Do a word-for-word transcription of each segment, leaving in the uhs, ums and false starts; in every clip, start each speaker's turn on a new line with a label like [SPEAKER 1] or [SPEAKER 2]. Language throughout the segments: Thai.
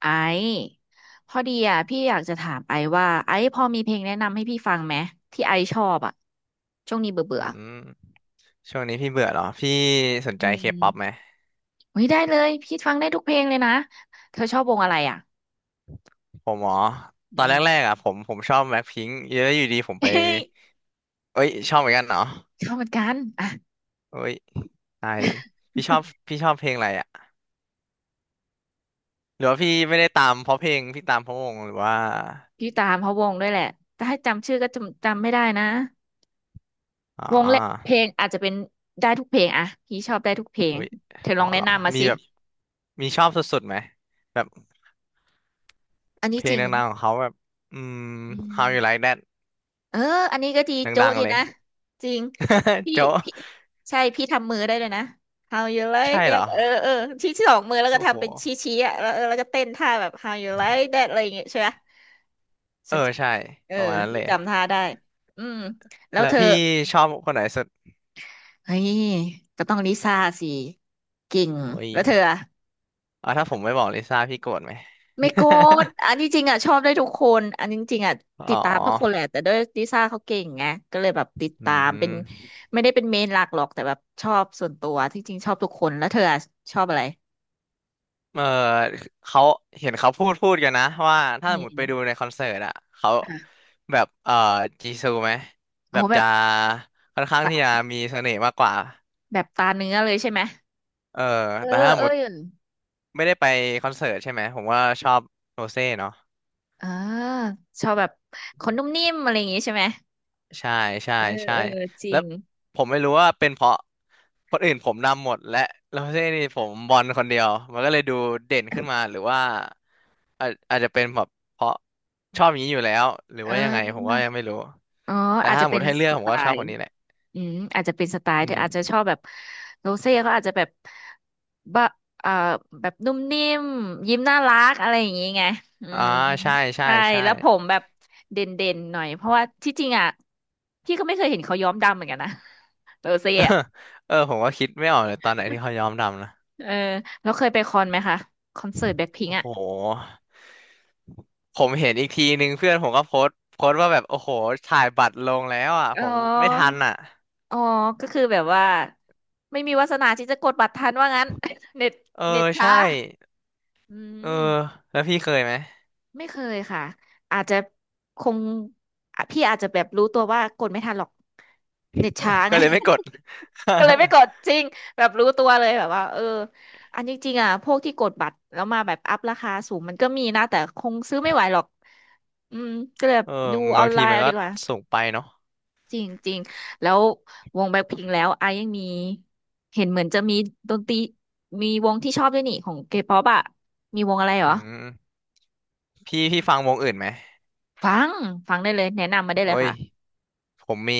[SPEAKER 1] ไอซ์พอดีอ่ะพี่อยากจะถามไอซ์ว่าไอซ์พอมีเพลงแนะนำให้พี่ฟังไหมที่ไอซ์ชอบอ่ะช่วงนี้เบื่อเบื่
[SPEAKER 2] อื
[SPEAKER 1] อ
[SPEAKER 2] มช่วงนี้พี่เบื่อเหรอ พี่สน
[SPEAKER 1] อื
[SPEAKER 2] ใจเคป๊อปไหม
[SPEAKER 1] มอุ้ยได้เลยพี่ฟังได้ทุกเพลงเลยนะเธอชอบวงอะไรอ่ะ
[SPEAKER 2] ผมอ๋อตอ
[SPEAKER 1] อื
[SPEAKER 2] นแร
[SPEAKER 1] ม
[SPEAKER 2] กๆอ่ะผมผมชอบแบล็คพิงค์เยอะอยู่ดีผมไป
[SPEAKER 1] เฮ้ย
[SPEAKER 2] เอ้ยชอบเหมือนกันเหรอ
[SPEAKER 1] ชอบเหมือนกันอ่ะ
[SPEAKER 2] เอ้ยตายดิพี่ชอบพี่ชอบเพลงอะไรอ่ะ หรือว่าพี่ไม่ได้ตามเพราะเพลงพี่ตามเพราะวงหรือว่า
[SPEAKER 1] พี่ตามเพาวงด้วยแหละแต่ให้จำชื่อก็จำจำไม่ได้นะ
[SPEAKER 2] อ๋
[SPEAKER 1] วงและเพ
[SPEAKER 2] อ
[SPEAKER 1] ลงอาจจะเป็นได้ทุกเพลงอ่ะพี่ชอบได้ทุกเพลง
[SPEAKER 2] เอ้ย
[SPEAKER 1] เธอล
[SPEAKER 2] อ๋อ
[SPEAKER 1] องแนะ
[SPEAKER 2] เหรอ
[SPEAKER 1] นำมา
[SPEAKER 2] มี
[SPEAKER 1] สิ
[SPEAKER 2] แบบมีชอบสุดๆไหม แบบ
[SPEAKER 1] อัน
[SPEAKER 2] เพ
[SPEAKER 1] นี้
[SPEAKER 2] ล
[SPEAKER 1] จ
[SPEAKER 2] ง
[SPEAKER 1] ริง
[SPEAKER 2] ดังๆของเขาแบบ อืม
[SPEAKER 1] อืม
[SPEAKER 2] How You Like That
[SPEAKER 1] เอออันนี้ก็ดี
[SPEAKER 2] ด
[SPEAKER 1] โจ๊ะ
[SPEAKER 2] ัง
[SPEAKER 1] ดี
[SPEAKER 2] ๆเลย
[SPEAKER 1] นะจริง พี่
[SPEAKER 2] โจ๊ะ
[SPEAKER 1] พี่ใช่พี่ทำมือได้เลยนะ How you like
[SPEAKER 2] ใช่เหร
[SPEAKER 1] that
[SPEAKER 2] อ
[SPEAKER 1] เออเออชี้ที่สองมือแล้วก็
[SPEAKER 2] โอ้โห
[SPEAKER 1] ทำเป็นชี้ชี้อ่ะแล้วเออแล้วก็เต้นท่าแบบ How you like that อะไรอย่างเงี้ยใช่ไหม
[SPEAKER 2] เอ
[SPEAKER 1] ฉั
[SPEAKER 2] อ
[SPEAKER 1] น
[SPEAKER 2] ใช่
[SPEAKER 1] เออ
[SPEAKER 2] ประมาณนั้นเล
[SPEAKER 1] พี่
[SPEAKER 2] ย
[SPEAKER 1] จำท่าได้อืมแล้ว
[SPEAKER 2] แล้ว
[SPEAKER 1] เธอ
[SPEAKER 2] พี่ชอบคนไหนสุด
[SPEAKER 1] เฮ้ยก็ต้องลิซ่าสิเก่ง
[SPEAKER 2] โอ้ย
[SPEAKER 1] แล้วเธออะ
[SPEAKER 2] อ๋อถ้าผมไม่บอกลิซ่าพี่โกรธไหม
[SPEAKER 1] ไม่โกรธอันนี้จริงอ่ะชอบได้ทุกคนอันนี้จริงอ่ะ ติ
[SPEAKER 2] อ๋
[SPEAKER 1] ด
[SPEAKER 2] อ
[SPEAKER 1] ตามทุกคนแหละแต่ด้วยลิซ่าเขาเก่งไงก็เลยแบบติด
[SPEAKER 2] อื
[SPEAKER 1] ตามเป็น
[SPEAKER 2] ม
[SPEAKER 1] ไม่ได้เป็นเมนหลักหรอกแต่แบบชอบส่วนตัวที่จริงชอบทุกคนแล้วเธออะชอบอะไร
[SPEAKER 2] เออเขาเห็นเขาพูดพูดกันนะว่าถ้า
[SPEAKER 1] อื
[SPEAKER 2] สมมติไป
[SPEAKER 1] ม
[SPEAKER 2] ดูในคอนเสิร์ตอะเขา
[SPEAKER 1] ค่ะ
[SPEAKER 2] แบบเออจีซูไหม
[SPEAKER 1] โอ้
[SPEAKER 2] แบ
[SPEAKER 1] โห
[SPEAKER 2] บ
[SPEAKER 1] แบ
[SPEAKER 2] จะ
[SPEAKER 1] บ
[SPEAKER 2] ค่อนข้าง
[SPEAKER 1] ตา
[SPEAKER 2] ที่จะมีเสน่ห์มากกว่า
[SPEAKER 1] แบบตาเนื้อเลยใช่ไหม
[SPEAKER 2] เออ
[SPEAKER 1] เอ
[SPEAKER 2] แต่
[SPEAKER 1] อ
[SPEAKER 2] ถ้าส
[SPEAKER 1] เอ
[SPEAKER 2] ม
[SPEAKER 1] อ
[SPEAKER 2] มติไม่ได้ไปคอนเสิร์ตใช่ไหมผมว่าชอบโรเซ่เนาะ
[SPEAKER 1] เออชอบแบบคนนุ่มนิ่มอะไรอย่างงี้ใช่ไหม
[SPEAKER 2] ใช่ใช่
[SPEAKER 1] เออ
[SPEAKER 2] ใช่
[SPEAKER 1] เออจริ
[SPEAKER 2] แล้ว
[SPEAKER 1] ง
[SPEAKER 2] ผมไม่รู้ว่าเป็นเพราะคนอื่นผมนำหมดและแล้วที่นี่ผมบอลคนเดียวมันก็เลยดูเด่นขึ้นมาหรือว่าอาจอาจจะเป็นแบบเพราะชอบอย่างนี้อยู่แล้วหรือ
[SPEAKER 1] เ
[SPEAKER 2] ว่ายังไงผม
[SPEAKER 1] ออ
[SPEAKER 2] ก็ยังไม่รู้
[SPEAKER 1] อ๋อ
[SPEAKER 2] แต่
[SPEAKER 1] อาจ
[SPEAKER 2] ถ้า
[SPEAKER 1] จะ
[SPEAKER 2] หม
[SPEAKER 1] เป็
[SPEAKER 2] ด
[SPEAKER 1] น
[SPEAKER 2] ให้เลือ
[SPEAKER 1] ส
[SPEAKER 2] กผ
[SPEAKER 1] ไต
[SPEAKER 2] มก็ชอบค
[SPEAKER 1] ล์
[SPEAKER 2] นนี้แหละ
[SPEAKER 1] อืมอาจจะเป็นสไตล์
[SPEAKER 2] อื
[SPEAKER 1] เธอ
[SPEAKER 2] ม
[SPEAKER 1] อาจจะชอบแบบโรเซ่ก็อาจจะแบบบะเอ่อแบบนุ่มนิ่มยิ้มน่ารักอะไรอย่างงี้ไงอื
[SPEAKER 2] อ่า
[SPEAKER 1] ม
[SPEAKER 2] ใช่ใช่
[SPEAKER 1] ใช่
[SPEAKER 2] ใช่
[SPEAKER 1] แล้วผมแบบเด่นเด่นหน่อยเพราะว่าที่จริงอ่ะพี่ก็ไม่เคยเห็นเขาย้อมดำเหมือนกันนะโรเซ่อะ
[SPEAKER 2] เออผมก็คิดไม่ออกเลยตอนไหนที่เขายอมดำนะ
[SPEAKER 1] เออแล้วเคยไปคอนไหมคะคอนเสิร์ตแบ็คพิง
[SPEAKER 2] โอ้
[SPEAKER 1] อ่ะ
[SPEAKER 2] โหผมเห็นอีกทีนึงเพื่อนผมก็โพสต์โพสต์ว่าแบบโอ้โหถ่ายบัตรลงแล้วอ่ะ
[SPEAKER 1] อ๋
[SPEAKER 2] ผมไม่ทั
[SPEAKER 1] อ
[SPEAKER 2] นอ่ะ
[SPEAKER 1] อ๋อก็คือแบบว่าไม่มีวาสนาที่จะกดบัตรทันว่างั้น เน็ต
[SPEAKER 2] เอ
[SPEAKER 1] เน็ต
[SPEAKER 2] อ
[SPEAKER 1] ช้า
[SPEAKER 2] ใช่
[SPEAKER 1] อื
[SPEAKER 2] เออ
[SPEAKER 1] ม
[SPEAKER 2] แล้วพี่เคยไหม
[SPEAKER 1] ไม่เคยค่ะอาจจะคงอ่ะพี่อาจจะแบบรู้ตัวว่ากดไม่ทันหรอกเน็ตช้า
[SPEAKER 2] ก็
[SPEAKER 1] ไง
[SPEAKER 2] เลยไม่กด
[SPEAKER 1] ก็เลยไม่กดจริงแบบรู้ตัวเลยแบบว่าเอออันนี้จริงๆอ่ะพวกที่กดบัตรแล้วมาแบบอัพราคาสูงมันก็มีนะแต่คงซื้อไม่ไหวหรอกอืมก็เลยแบบ
[SPEAKER 2] เออ
[SPEAKER 1] ดูออ
[SPEAKER 2] บาง
[SPEAKER 1] นไล
[SPEAKER 2] ที
[SPEAKER 1] น์
[SPEAKER 2] มัน
[SPEAKER 1] เอา
[SPEAKER 2] ก็
[SPEAKER 1] ดีกว่า
[SPEAKER 2] สูงไปเนาะ
[SPEAKER 1] จริงจริงแล้ววงแบล็คพิงค์แล้วไอยังมีเห็นเหมือนจะมีดนตรีมีวงที่ชอบด้วยนี่ของเคป๊อปอ่ะมีวงอะไรเหร
[SPEAKER 2] อื
[SPEAKER 1] อ
[SPEAKER 2] มพี่พี่ฟังวงอื่นไหม
[SPEAKER 1] ฟังฟังได้เลยแนะนำมาได้เล
[SPEAKER 2] โอ้
[SPEAKER 1] ย
[SPEAKER 2] ย
[SPEAKER 1] ค่ะ
[SPEAKER 2] ผมมี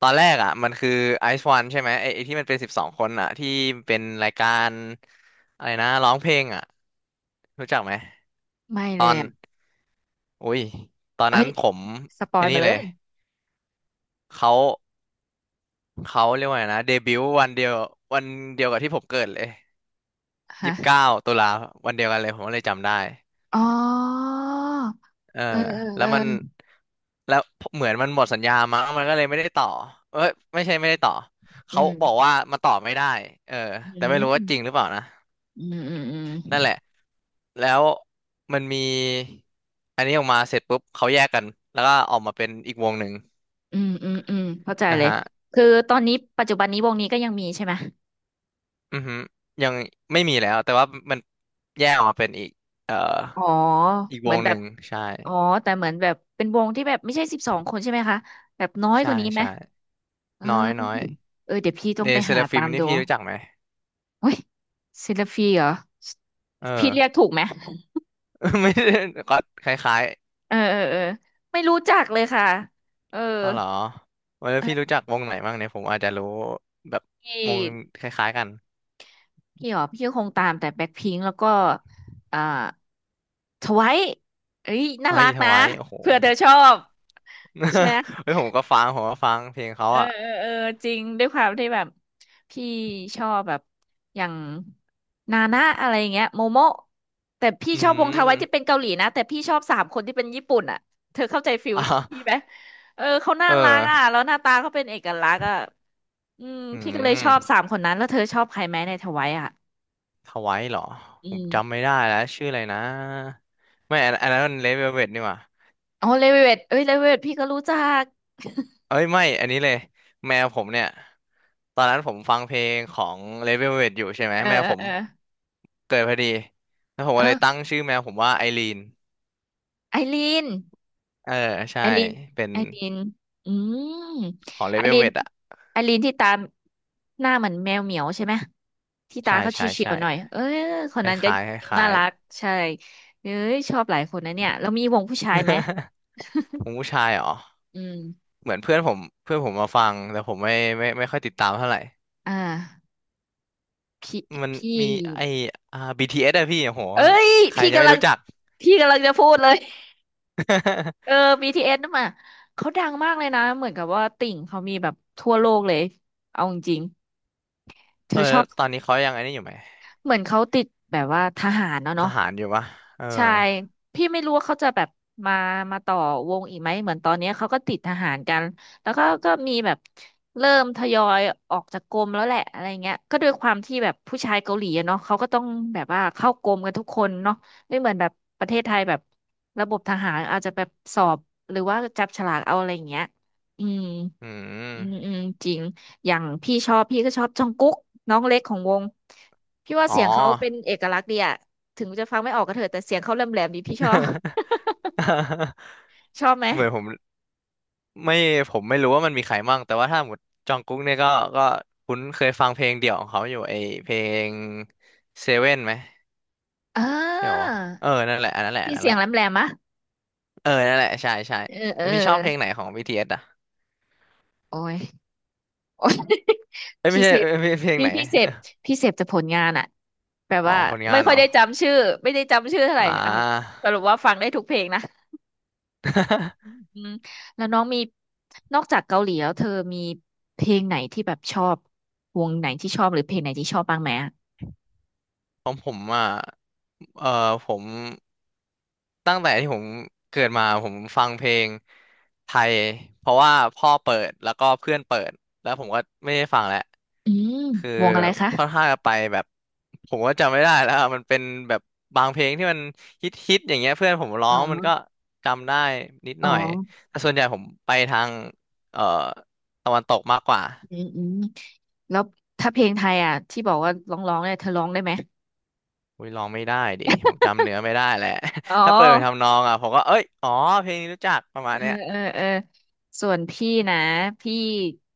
[SPEAKER 2] ตอนแรกอ่ะมันคือไอซ์วันใช่ไหมไอ้ไอ้ที่มันเป็นสิบสองคนอ่ะที่เป็นรายการอะไรนะร้องเพลงอ่ะรู้จักไหม
[SPEAKER 1] ไม่
[SPEAKER 2] ต
[SPEAKER 1] เล
[SPEAKER 2] อ
[SPEAKER 1] ย
[SPEAKER 2] น
[SPEAKER 1] อ่ะ
[SPEAKER 2] อุ้ยตอน
[SPEAKER 1] เอ้
[SPEAKER 2] นั้
[SPEAKER 1] ย
[SPEAKER 2] นผม
[SPEAKER 1] สปอ
[SPEAKER 2] ไอ้
[SPEAKER 1] ย
[SPEAKER 2] นนี่
[SPEAKER 1] มาเล
[SPEAKER 2] เลย
[SPEAKER 1] ย
[SPEAKER 2] เขาเขาเรียกว่าไงนะเดบิวต์วันเดียววันเดียวกับที่ผมเกิดเลย
[SPEAKER 1] ฮะ
[SPEAKER 2] ยี่สิบเก้าตุลาวันเดียวกันเลยผมก็เลยจำได้
[SPEAKER 1] อ๋อ
[SPEAKER 2] เออ
[SPEAKER 1] เออเออ
[SPEAKER 2] แล้
[SPEAKER 1] เอ
[SPEAKER 2] วมัน
[SPEAKER 1] อ
[SPEAKER 2] แล้วเหมือนมันหมดสัญญามั้งมันก็เลยไม่ได้ต่อเอ้ยไม่ใช่ไม่ได้ต่อเขา
[SPEAKER 1] อื
[SPEAKER 2] บอก
[SPEAKER 1] ม
[SPEAKER 2] ว่ามันต่อไม่ได้เออ
[SPEAKER 1] อื
[SPEAKER 2] แต่ไม่รู้ว่าจริง
[SPEAKER 1] ม
[SPEAKER 2] หรือเปล่านะ
[SPEAKER 1] อืมอืมอืม
[SPEAKER 2] นั่นแหละแล้วมันมีอันนี้ออกมาเสร็จปุ๊บเขาแยกกันแล้วก็ออกมาเป็นอีกวงหนึ่ง
[SPEAKER 1] อืมอืมอืมเข้าใจ
[SPEAKER 2] อ่ะ
[SPEAKER 1] เลย
[SPEAKER 2] ฮะ
[SPEAKER 1] คือตอนนี้ปัจจุบันนี้วงนี้ก็ยังมีใช่ไหม
[SPEAKER 2] อือฮึยังไม่มีแล้วแต่ว่ามันแยกออกมาเป็นอีกเอ่อ
[SPEAKER 1] อ๋อ
[SPEAKER 2] อีกว
[SPEAKER 1] เหมือน
[SPEAKER 2] ง
[SPEAKER 1] แบ
[SPEAKER 2] ห
[SPEAKER 1] บ
[SPEAKER 2] นึ่งใช่
[SPEAKER 1] อ๋อแต่เหมือนแบบเป็นวงที่แบบไม่ใช่สิบสองคนใช่ไหมคะ แบบน้อยก
[SPEAKER 2] ใช่
[SPEAKER 1] ว่านี้ไหม
[SPEAKER 2] ใช่
[SPEAKER 1] เออ
[SPEAKER 2] น้อยน้อย
[SPEAKER 1] เออเดี๋ยวพี่ต้อ
[SPEAKER 2] เล
[SPEAKER 1] งไป
[SPEAKER 2] เซ
[SPEAKER 1] หา
[SPEAKER 2] ราฟิ
[SPEAKER 1] ตา
[SPEAKER 2] ม
[SPEAKER 1] ม
[SPEAKER 2] นี่
[SPEAKER 1] ดู
[SPEAKER 2] พี่รู้จักไหม
[SPEAKER 1] เฮ้ยซิลฟีเหรอ
[SPEAKER 2] เอ
[SPEAKER 1] พี่เรียก
[SPEAKER 2] อ
[SPEAKER 1] ถูกไหม
[SPEAKER 2] ไม่ได้ก็คล้าย
[SPEAKER 1] เออเออเออไม่รู้จักเลยค่ะ เออ
[SPEAKER 2] ๆอ๋อเหรอแล้วพี่รู้จักวงไหนบ้างเนี่ยผมอาจจะรู้แบบ
[SPEAKER 1] พี่
[SPEAKER 2] วงคล้ายๆกัน
[SPEAKER 1] พี่หรอพี่ก็คงตามแต่แบ็คพิงค์แล้วก็อ่าทไวท์เอ้ยน่า
[SPEAKER 2] เฮ้
[SPEAKER 1] รั
[SPEAKER 2] ย
[SPEAKER 1] ก
[SPEAKER 2] ท
[SPEAKER 1] นะ
[SPEAKER 2] วายโอ้โห
[SPEAKER 1] เผื่อเธอชอบใช่ไหม
[SPEAKER 2] เฮ้ยผมก็ฟังผมก็ฟังเพลงเขา
[SPEAKER 1] เออ
[SPEAKER 2] อ่ะ
[SPEAKER 1] เออเออจริงด้วยความที่แบบพี่ชอบแบบอย่างนานะอะไรอย่างเงี้ยโมโมะแต่พี่
[SPEAKER 2] อื
[SPEAKER 1] ชอบวงท
[SPEAKER 2] ม
[SPEAKER 1] ไวท์ ที่เป็นเกาหลีนะแต่พี่ชอบสามคนที่เป็นญี่ปุ่นอ่ะเธอเข้าใจฟิลพี่
[SPEAKER 2] อ่ะ
[SPEAKER 1] ไหมเออเขาน่า
[SPEAKER 2] เออ
[SPEAKER 1] รักอ่ะแล้วหน้าตาเขาเป็นเอกลักษณ์อ่ะอืม
[SPEAKER 2] อื
[SPEAKER 1] พี่ก็เลยชอบสา
[SPEAKER 2] ม
[SPEAKER 1] มคนนั้นแล้วเธอชอบใครไหมในทไวท์อ่ะ
[SPEAKER 2] ทวายเหรอ
[SPEAKER 1] อื
[SPEAKER 2] ผมจำ
[SPEAKER 1] ม
[SPEAKER 2] ไม่ได้แล้วชื่ออะไรนะไม่อันอันนั้นมันเลเวลเวทนี่หว่า
[SPEAKER 1] อ๋อเลเวตเอ้ยเลเวตพี่ก็รู้จัก
[SPEAKER 2] เอ้ยไม่อันนี้เลยแมวผมเนี่ยตอนนั้นผมฟังเพลงของเลเวลเว t อยู่ใช่ไหม
[SPEAKER 1] เออ
[SPEAKER 2] แมวผ
[SPEAKER 1] เอ
[SPEAKER 2] ม
[SPEAKER 1] อ
[SPEAKER 2] เกิดพอดีแล้วผม
[SPEAKER 1] เอ
[SPEAKER 2] ก็
[SPEAKER 1] อ
[SPEAKER 2] เลยตั้
[SPEAKER 1] เออ
[SPEAKER 2] งชื่อแมวผมว่าไอรีน
[SPEAKER 1] ไอรีน
[SPEAKER 2] เออใช่
[SPEAKER 1] ไอรีน
[SPEAKER 2] เป็น
[SPEAKER 1] ไอรีนอืม
[SPEAKER 2] ของเล
[SPEAKER 1] ไอ
[SPEAKER 2] เว
[SPEAKER 1] รี
[SPEAKER 2] ลเว
[SPEAKER 1] น
[SPEAKER 2] t อ่ะ
[SPEAKER 1] ไอรีนที่ตามหน้าเหมือนแมวเหมียวใช่ไหมที่ตา
[SPEAKER 2] ใช่
[SPEAKER 1] เขา
[SPEAKER 2] ใช่
[SPEAKER 1] เฉีย
[SPEAKER 2] ใช่
[SPEAKER 1] วๆหน่อยเออค
[SPEAKER 2] ค
[SPEAKER 1] นนั้นก็
[SPEAKER 2] ล้าย
[SPEAKER 1] ยิ้
[SPEAKER 2] ๆ
[SPEAKER 1] ม
[SPEAKER 2] คล้า
[SPEAKER 1] น่า
[SPEAKER 2] ย
[SPEAKER 1] รักใช่เอ้ยชอบหลายคนนะเนี่ยแล้วมีวงผู้ชายไหม
[SPEAKER 2] ๆ ผมผู้ชายเหรอ
[SPEAKER 1] อืม
[SPEAKER 2] เหมือนเพื่อนผมเพื่อนผมมาฟังแต่ผมไม่ไม่ไม่ค่อยติดตามเท่าไหร่
[SPEAKER 1] อ่าพี่
[SPEAKER 2] มัน
[SPEAKER 1] พี่
[SPEAKER 2] มีไออ่า บี ที เอส อสอะพี่โอ้โห
[SPEAKER 1] เอ้ย
[SPEAKER 2] ใคร
[SPEAKER 1] พี่
[SPEAKER 2] จะไม่
[SPEAKER 1] กำลัง
[SPEAKER 2] รู้จัก
[SPEAKER 1] พี่กำลังจะพูดเลย เออ บี ที เอส นั่นมาเขาดังมากเลยนะเหมือนกับว่าติ่งเขามีแบบทั่วโลกเลยเอาจริงๆเธ
[SPEAKER 2] เออ
[SPEAKER 1] อช
[SPEAKER 2] แล้
[SPEAKER 1] อ
[SPEAKER 2] ว
[SPEAKER 1] บ
[SPEAKER 2] ตอนนี้เขายังอันนี้อยู่ไหม
[SPEAKER 1] เหมือนเขาติดแบบว่าทหารเนาะ
[SPEAKER 2] ท
[SPEAKER 1] เนาะ
[SPEAKER 2] หารอยู่ปะเออ
[SPEAKER 1] ใช่พี่ไม่รู้ว่าเขาจะแบบมามาต่อวงอีกไหมเหมือนตอนเนี้ยเขาก็ติดทหารกันแล้วก็ก็มีแบบเริ่มทยอยออกจากกรมแล้วแหละอะไรเงี้ยก็ด้วยความที่แบบผู้ชายเกาหลีอะเนาะเขาก็ต้องแบบว่าเข้ากรมกันทุกคนเนาะไม่เหมือนแบบประเทศไทยแบบระบบทหารอาจจะแบบสอบหรือว่าจับฉลากเอาอะไรเงี้ยอืม
[SPEAKER 2] อื
[SPEAKER 1] อืม
[SPEAKER 2] ม
[SPEAKER 1] อืมจริงอย่างพี่ชอบพี่ก็ชอบจองกุ๊กน้องเล็กของวงพี่ว่า
[SPEAKER 2] อ๋อ
[SPEAKER 1] เสียงเขาเป็นเอกลักษณ์ดีอะถึงจะฟังไม่ออกก็เถอะแต่เสียงเขาแหลมแหลมดีพี่ชอบ ชอบไหม
[SPEAKER 2] เหมือนผมไม่ผมไม่รู้ว่ามันมีใครมั่งแต่ว่าถ้าหมดจองกุ๊กเนี่ยก็ก็คุ้นเคยฟังเพลงเดี่ยวของเขาอยู่ไอเพลงเซเว่นไหม
[SPEAKER 1] อ่
[SPEAKER 2] ใช่ปะ
[SPEAKER 1] า
[SPEAKER 2] วะเออนั่นแหละอันนั่นแหละอั
[SPEAKER 1] พี่
[SPEAKER 2] นนั่น
[SPEAKER 1] เสี
[SPEAKER 2] แห
[SPEAKER 1] ยง
[SPEAKER 2] ละ
[SPEAKER 1] แหลมแหลมะ
[SPEAKER 2] เออนั่นแหละ ใช่ใช่
[SPEAKER 1] เออเอ
[SPEAKER 2] แล้
[SPEAKER 1] อ
[SPEAKER 2] วพี่ชอบเพลงไหนของ บี ที เอส อสอ่ะ
[SPEAKER 1] โอ้ยโอ้ย
[SPEAKER 2] เอ้ ยไม่
[SPEAKER 1] พี่
[SPEAKER 2] ใช่
[SPEAKER 1] เสพ
[SPEAKER 2] เอ้ยเพลงเพลง
[SPEAKER 1] พี่
[SPEAKER 2] ไหน
[SPEAKER 1] พี่เสพพี่เสพแต่ผลงานอะแบบ
[SPEAKER 2] อ๋อ
[SPEAKER 1] ว่า
[SPEAKER 2] ผลงา
[SPEAKER 1] ไม่
[SPEAKER 2] น
[SPEAKER 1] ค่
[SPEAKER 2] เห
[SPEAKER 1] อ
[SPEAKER 2] ร
[SPEAKER 1] ย
[SPEAKER 2] อ
[SPEAKER 1] ได้จำชื่อไม่ได้จำชื่อเท่าไหร่
[SPEAKER 2] อ่
[SPEAKER 1] อ่ะ
[SPEAKER 2] า
[SPEAKER 1] สรุปว่าฟังได้ทุกเพลงนะ อื มแล้วน้องมีนอกจากเกาหลีแล้วเธอมีเพลงไหนที่แบบชอบวงไหนที่ชอบหรือเพลงไหนที่ชอบบ้างไหมอะ
[SPEAKER 2] ของผมอ่ะเออผม ตั้งแต่ที่ผมเกิดมาผมฟังเพลงไทยเพราะว่าพ่อเปิดแล้วก็เพื่อนเปิดแล้วผมก็ไม่ได้ฟังแล้ว
[SPEAKER 1] อืม
[SPEAKER 2] คือ
[SPEAKER 1] วงอะไรคะ
[SPEAKER 2] ค่อนข้างจะไปแบบผมก็จำไม่ได้แล้วอะมันเป็นแบบบางเพลงที่มันฮิตฮิตอย่างเงี้ยเพื่อนผมร้อ
[SPEAKER 1] อ๋
[SPEAKER 2] งมันก็
[SPEAKER 1] อ
[SPEAKER 2] จำได้นิดห
[SPEAKER 1] อ๋อ
[SPEAKER 2] น่อยแต่ส่วนใหญ่ผมไปทางเอ่อตะวันตกมากกว่า
[SPEAKER 1] อืมอืมแล้วถ้าเพลงไทยอ่ะที่บอกว่าร้องร้องเนี่ยเธอร้องได้ไหม
[SPEAKER 2] อุ้ยร้องไม่ได้ดิผมจำเนื้อไม่ได้แหละ
[SPEAKER 1] อ๋อ
[SPEAKER 2] ถ้าเปิดไปทำนองอ่ะผมก็เอ้ยอ๋อเพลงนี้รู้จักประมาณ
[SPEAKER 1] เออ
[SPEAKER 2] เนี้ย
[SPEAKER 1] เออเออส่วนพี่นะพี่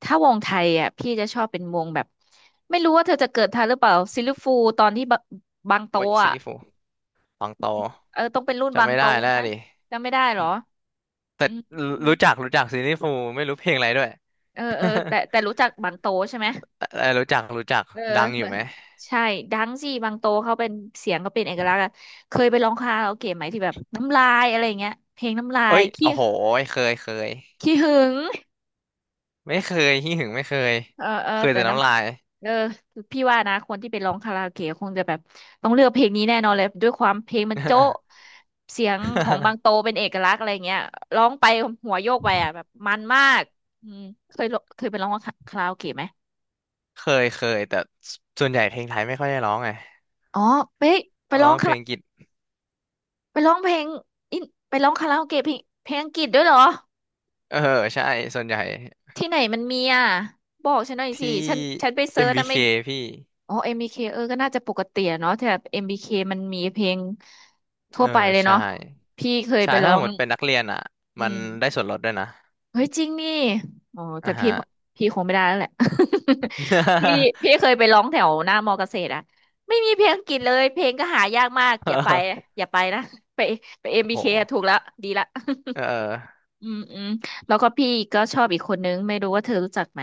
[SPEAKER 1] ถ้าวงไทยอ่ะพี่จะชอบเป็นวงแบบไม่รู้ว่าเธอจะเกิดทันหรือเปล่าซิลฟูตอนที่บะบางโต
[SPEAKER 2] โอ้ยซี
[SPEAKER 1] อ่ะ
[SPEAKER 2] ลี่ฟู ตองโต
[SPEAKER 1] เออต้องเป็นรุ่นบา
[SPEAKER 2] จำ
[SPEAKER 1] ง
[SPEAKER 2] ไม่
[SPEAKER 1] โต
[SPEAKER 2] ได้แล้ว
[SPEAKER 1] นะ
[SPEAKER 2] ดิ
[SPEAKER 1] จำไม่ได้เหรอ
[SPEAKER 2] แต่
[SPEAKER 1] อืม
[SPEAKER 2] รู้จักรู้จักซีรีส์ฟูไม่รู้เพลงอะไรด้วย
[SPEAKER 1] เออเออ แต่แต่รู้จักบางโตใช่ไหม
[SPEAKER 2] เออรู้จักรู้จัก
[SPEAKER 1] เออ
[SPEAKER 2] ดังอ
[SPEAKER 1] เหมื
[SPEAKER 2] ยู่
[SPEAKER 1] อน
[SPEAKER 2] ไหม
[SPEAKER 1] ใช่ดังสิบางโตเขาเป็นเสียงก็เป็นเอกลักษณ์อะเคยไปร้องคาราโอเกะไหมที่แบบน้ำลายอะไรอย่างเงี้ยเพลงน้ำลา
[SPEAKER 2] เอ้
[SPEAKER 1] ย
[SPEAKER 2] ย
[SPEAKER 1] ขี้
[SPEAKER 2] โอ้โหเคยเคย
[SPEAKER 1] ขี้หึง
[SPEAKER 2] ไม่เคยขี้หึงไม่เคย
[SPEAKER 1] เออเออ
[SPEAKER 2] เคย
[SPEAKER 1] แต่
[SPEAKER 2] แต่
[SPEAKER 1] น้
[SPEAKER 2] น้ำลาย
[SPEAKER 1] ำเออพี่ว่านะคนที่ไปร้องคาราโอเกะคงจะแบบต้องเลือกเพลงนี้แน่นอนเลยด้วยความเพลงมันโจ๊ะเสียงของบางโต เป็นเอกลักษณ์อะไรเงี้ยร้องไปหัวโยกไปอ่ะแบบมันมากอืมเคยร้องเคยไปร้องคาราโอเกะไหม
[SPEAKER 2] เคยเคยแต่ส่วนใหญ่เพลงไทยไม่ค่อยได้ร้องไง
[SPEAKER 1] อ๋อไปไป
[SPEAKER 2] อ๋อ
[SPEAKER 1] ร้อง
[SPEAKER 2] เพ
[SPEAKER 1] คา
[SPEAKER 2] ลงอัง
[SPEAKER 1] รา
[SPEAKER 2] กฤษ
[SPEAKER 1] ไปร้องเพลงอินไปร้องคาราโอเกะเพลงเพลงอังกฤษด้วยเหรอ
[SPEAKER 2] เออใช่ส่วนใหญ่
[SPEAKER 1] ที่ไหนมันมีอ่ะบอกฉันหน่อยสิ
[SPEAKER 2] ที่
[SPEAKER 1] ฉันฉันไปเซิร์ชนะ
[SPEAKER 2] เอ็ม บี เค
[SPEAKER 1] ไม่
[SPEAKER 2] พี่
[SPEAKER 1] อ๋อเอ็มบีเคเออก็น่าจะปกติอะเนาะแต่เอ็มบีเคมันมีเพลงทั่ว
[SPEAKER 2] เอ
[SPEAKER 1] ไป
[SPEAKER 2] อ
[SPEAKER 1] เลย
[SPEAKER 2] ใช่
[SPEAKER 1] เนาะพี่เคย
[SPEAKER 2] ใช่
[SPEAKER 1] ไปร้
[SPEAKER 2] ถ้า
[SPEAKER 1] อ
[SPEAKER 2] ห
[SPEAKER 1] ง
[SPEAKER 2] มดเป็นนักเรียนอ่ะ
[SPEAKER 1] อื
[SPEAKER 2] มันได้
[SPEAKER 1] ม
[SPEAKER 2] ส่วนลดด้วยนะ
[SPEAKER 1] เฮ้ยจริงนี่อ๋อแต่
[SPEAKER 2] อ่า
[SPEAKER 1] พี่
[SPEAKER 2] ฮะ
[SPEAKER 1] พี่คงไม่ได้แล้วแหละ พี่พี่เคยไปร้องแถวหน้ามอเกษตรอะไม่มีเพลงอังกฤษเลยเพลงก็หายากมากอย่าไป อย่าไปนะไปไป เอ็ม บี เค อมบีเคอะ
[SPEAKER 2] โห
[SPEAKER 1] ถูกแล้วดีละ
[SPEAKER 2] เออเออ
[SPEAKER 1] อืมอืมแล้วก็พี่ก็ชอบอีกคนนึงไม่รู้ว่าเธอรู้จักไหม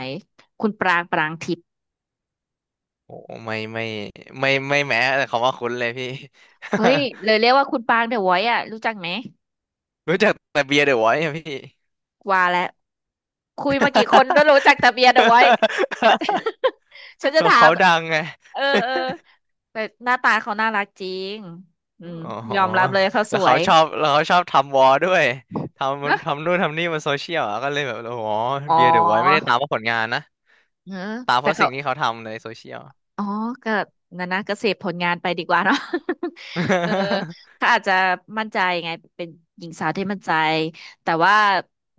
[SPEAKER 1] คุณปรางปรางทิพย์
[SPEAKER 2] โหไม่ไม่ไม่ไม่แม้แต่คำว่าคุ้นเลยพี่
[SPEAKER 1] เฮ้ยเลยเรียกว่าคุณปรางเดอะไวท์อ่ะรู้จักไหม
[SPEAKER 2] รู้จักแต่เบียร์เดอะวอยซ์อะพี่
[SPEAKER 1] ว่าแล้วคุยมากี่คนก็รู้จักแต่เบียร์เดอะไวท์ ฉันจะ ถา
[SPEAKER 2] เขา
[SPEAKER 1] ม
[SPEAKER 2] ดังไง
[SPEAKER 1] เออเออแต่หน้าตาเขาน่ารักจริงอืม
[SPEAKER 2] อ๋อ
[SPEAKER 1] ยอมรับเลยเขาส
[SPEAKER 2] แล้ว
[SPEAKER 1] ว
[SPEAKER 2] เขา
[SPEAKER 1] ย
[SPEAKER 2] ชอบแล้วเขาชอบทำวอลด้วยท
[SPEAKER 1] เนอะ
[SPEAKER 2] ำทำนู่นทำนี่บนโซเชียลอะก็เลยแบบอ๋อ
[SPEAKER 1] อ๋อ
[SPEAKER 2] เบียร์เดอะไวอยซ์ไม่ได้ตามเพราะผลงานนะ
[SPEAKER 1] เออ
[SPEAKER 2] ตามเพ
[SPEAKER 1] แต่
[SPEAKER 2] ราะ
[SPEAKER 1] เขา
[SPEAKER 2] สิ่งที่เขาทำในโซเชียล
[SPEAKER 1] อ๋อ ก็งั้นนะก็เสพผลงานไปดีกว่าเนาะ เออเขาอาจจะมั่นใจไงเป็นหญิงสาวที่มั่นใจ แต่ว่า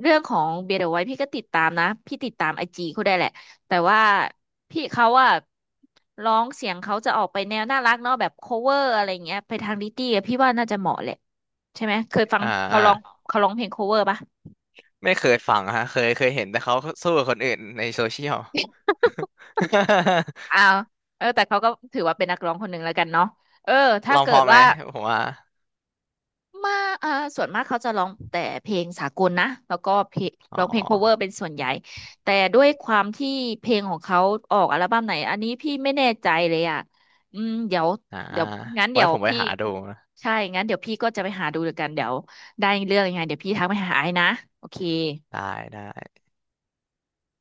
[SPEAKER 1] เรื่องของเบียร์เดอะไวท์พี่ก็ติดตามนะ พี่ติดตามไอจีเขาได้แหละ แต่ว่าพี่เขาอะร้องเสียงเขาจะออกไปแนวน่ารักเนาะแบบ cover อะไรเงี้ยไปทางลิตตี้อะพี่ว่าน่าจะเหมาะแหละใช่ไหมเคย ฟัง
[SPEAKER 2] อ่า
[SPEAKER 1] เขาร้องเขาร้องเพลง cover ปะ
[SPEAKER 2] ไม่เคยฟังฮะเคยเคยเห็นแต่เขาสู้กับคนอื่นในโซเชียล
[SPEAKER 1] อ้าวเออแต่เขาก็ถือว่าเป็นนักร้องคนหนึ่งแล้วกันเนาะเออถ้า
[SPEAKER 2] ลอง
[SPEAKER 1] เกิ
[SPEAKER 2] พอ
[SPEAKER 1] ด
[SPEAKER 2] ไหม
[SPEAKER 1] ว่า
[SPEAKER 2] ผมว่า
[SPEAKER 1] มาอ่าส่วนมากเขาจะร้องแต่เพลงสากลนะแล้วก็เพลง
[SPEAKER 2] อ๋อ
[SPEAKER 1] ร้องเพลง cover เป็นส่วนใหญ่แต่ด้วยความที่เพลงของเขาออกอัลบั้มไหนอันนี้พี่ไม่แน่ใจเลยอ่ะอืมเดี๋ยว
[SPEAKER 2] อ่า
[SPEAKER 1] เดี๋ยวงั้นเดี๋
[SPEAKER 2] ไว้
[SPEAKER 1] ยว
[SPEAKER 2] ผมไป
[SPEAKER 1] พี่
[SPEAKER 2] หาดูนะ
[SPEAKER 1] ใช่งั้นเดี๋ยวพี่ก็จะไปหาดูแล้วกันเดี๋ยวได้เรื่องยังไงเดี๋ยวพี่ทักไปหาไอ้นะโอเค
[SPEAKER 2] ได้ได้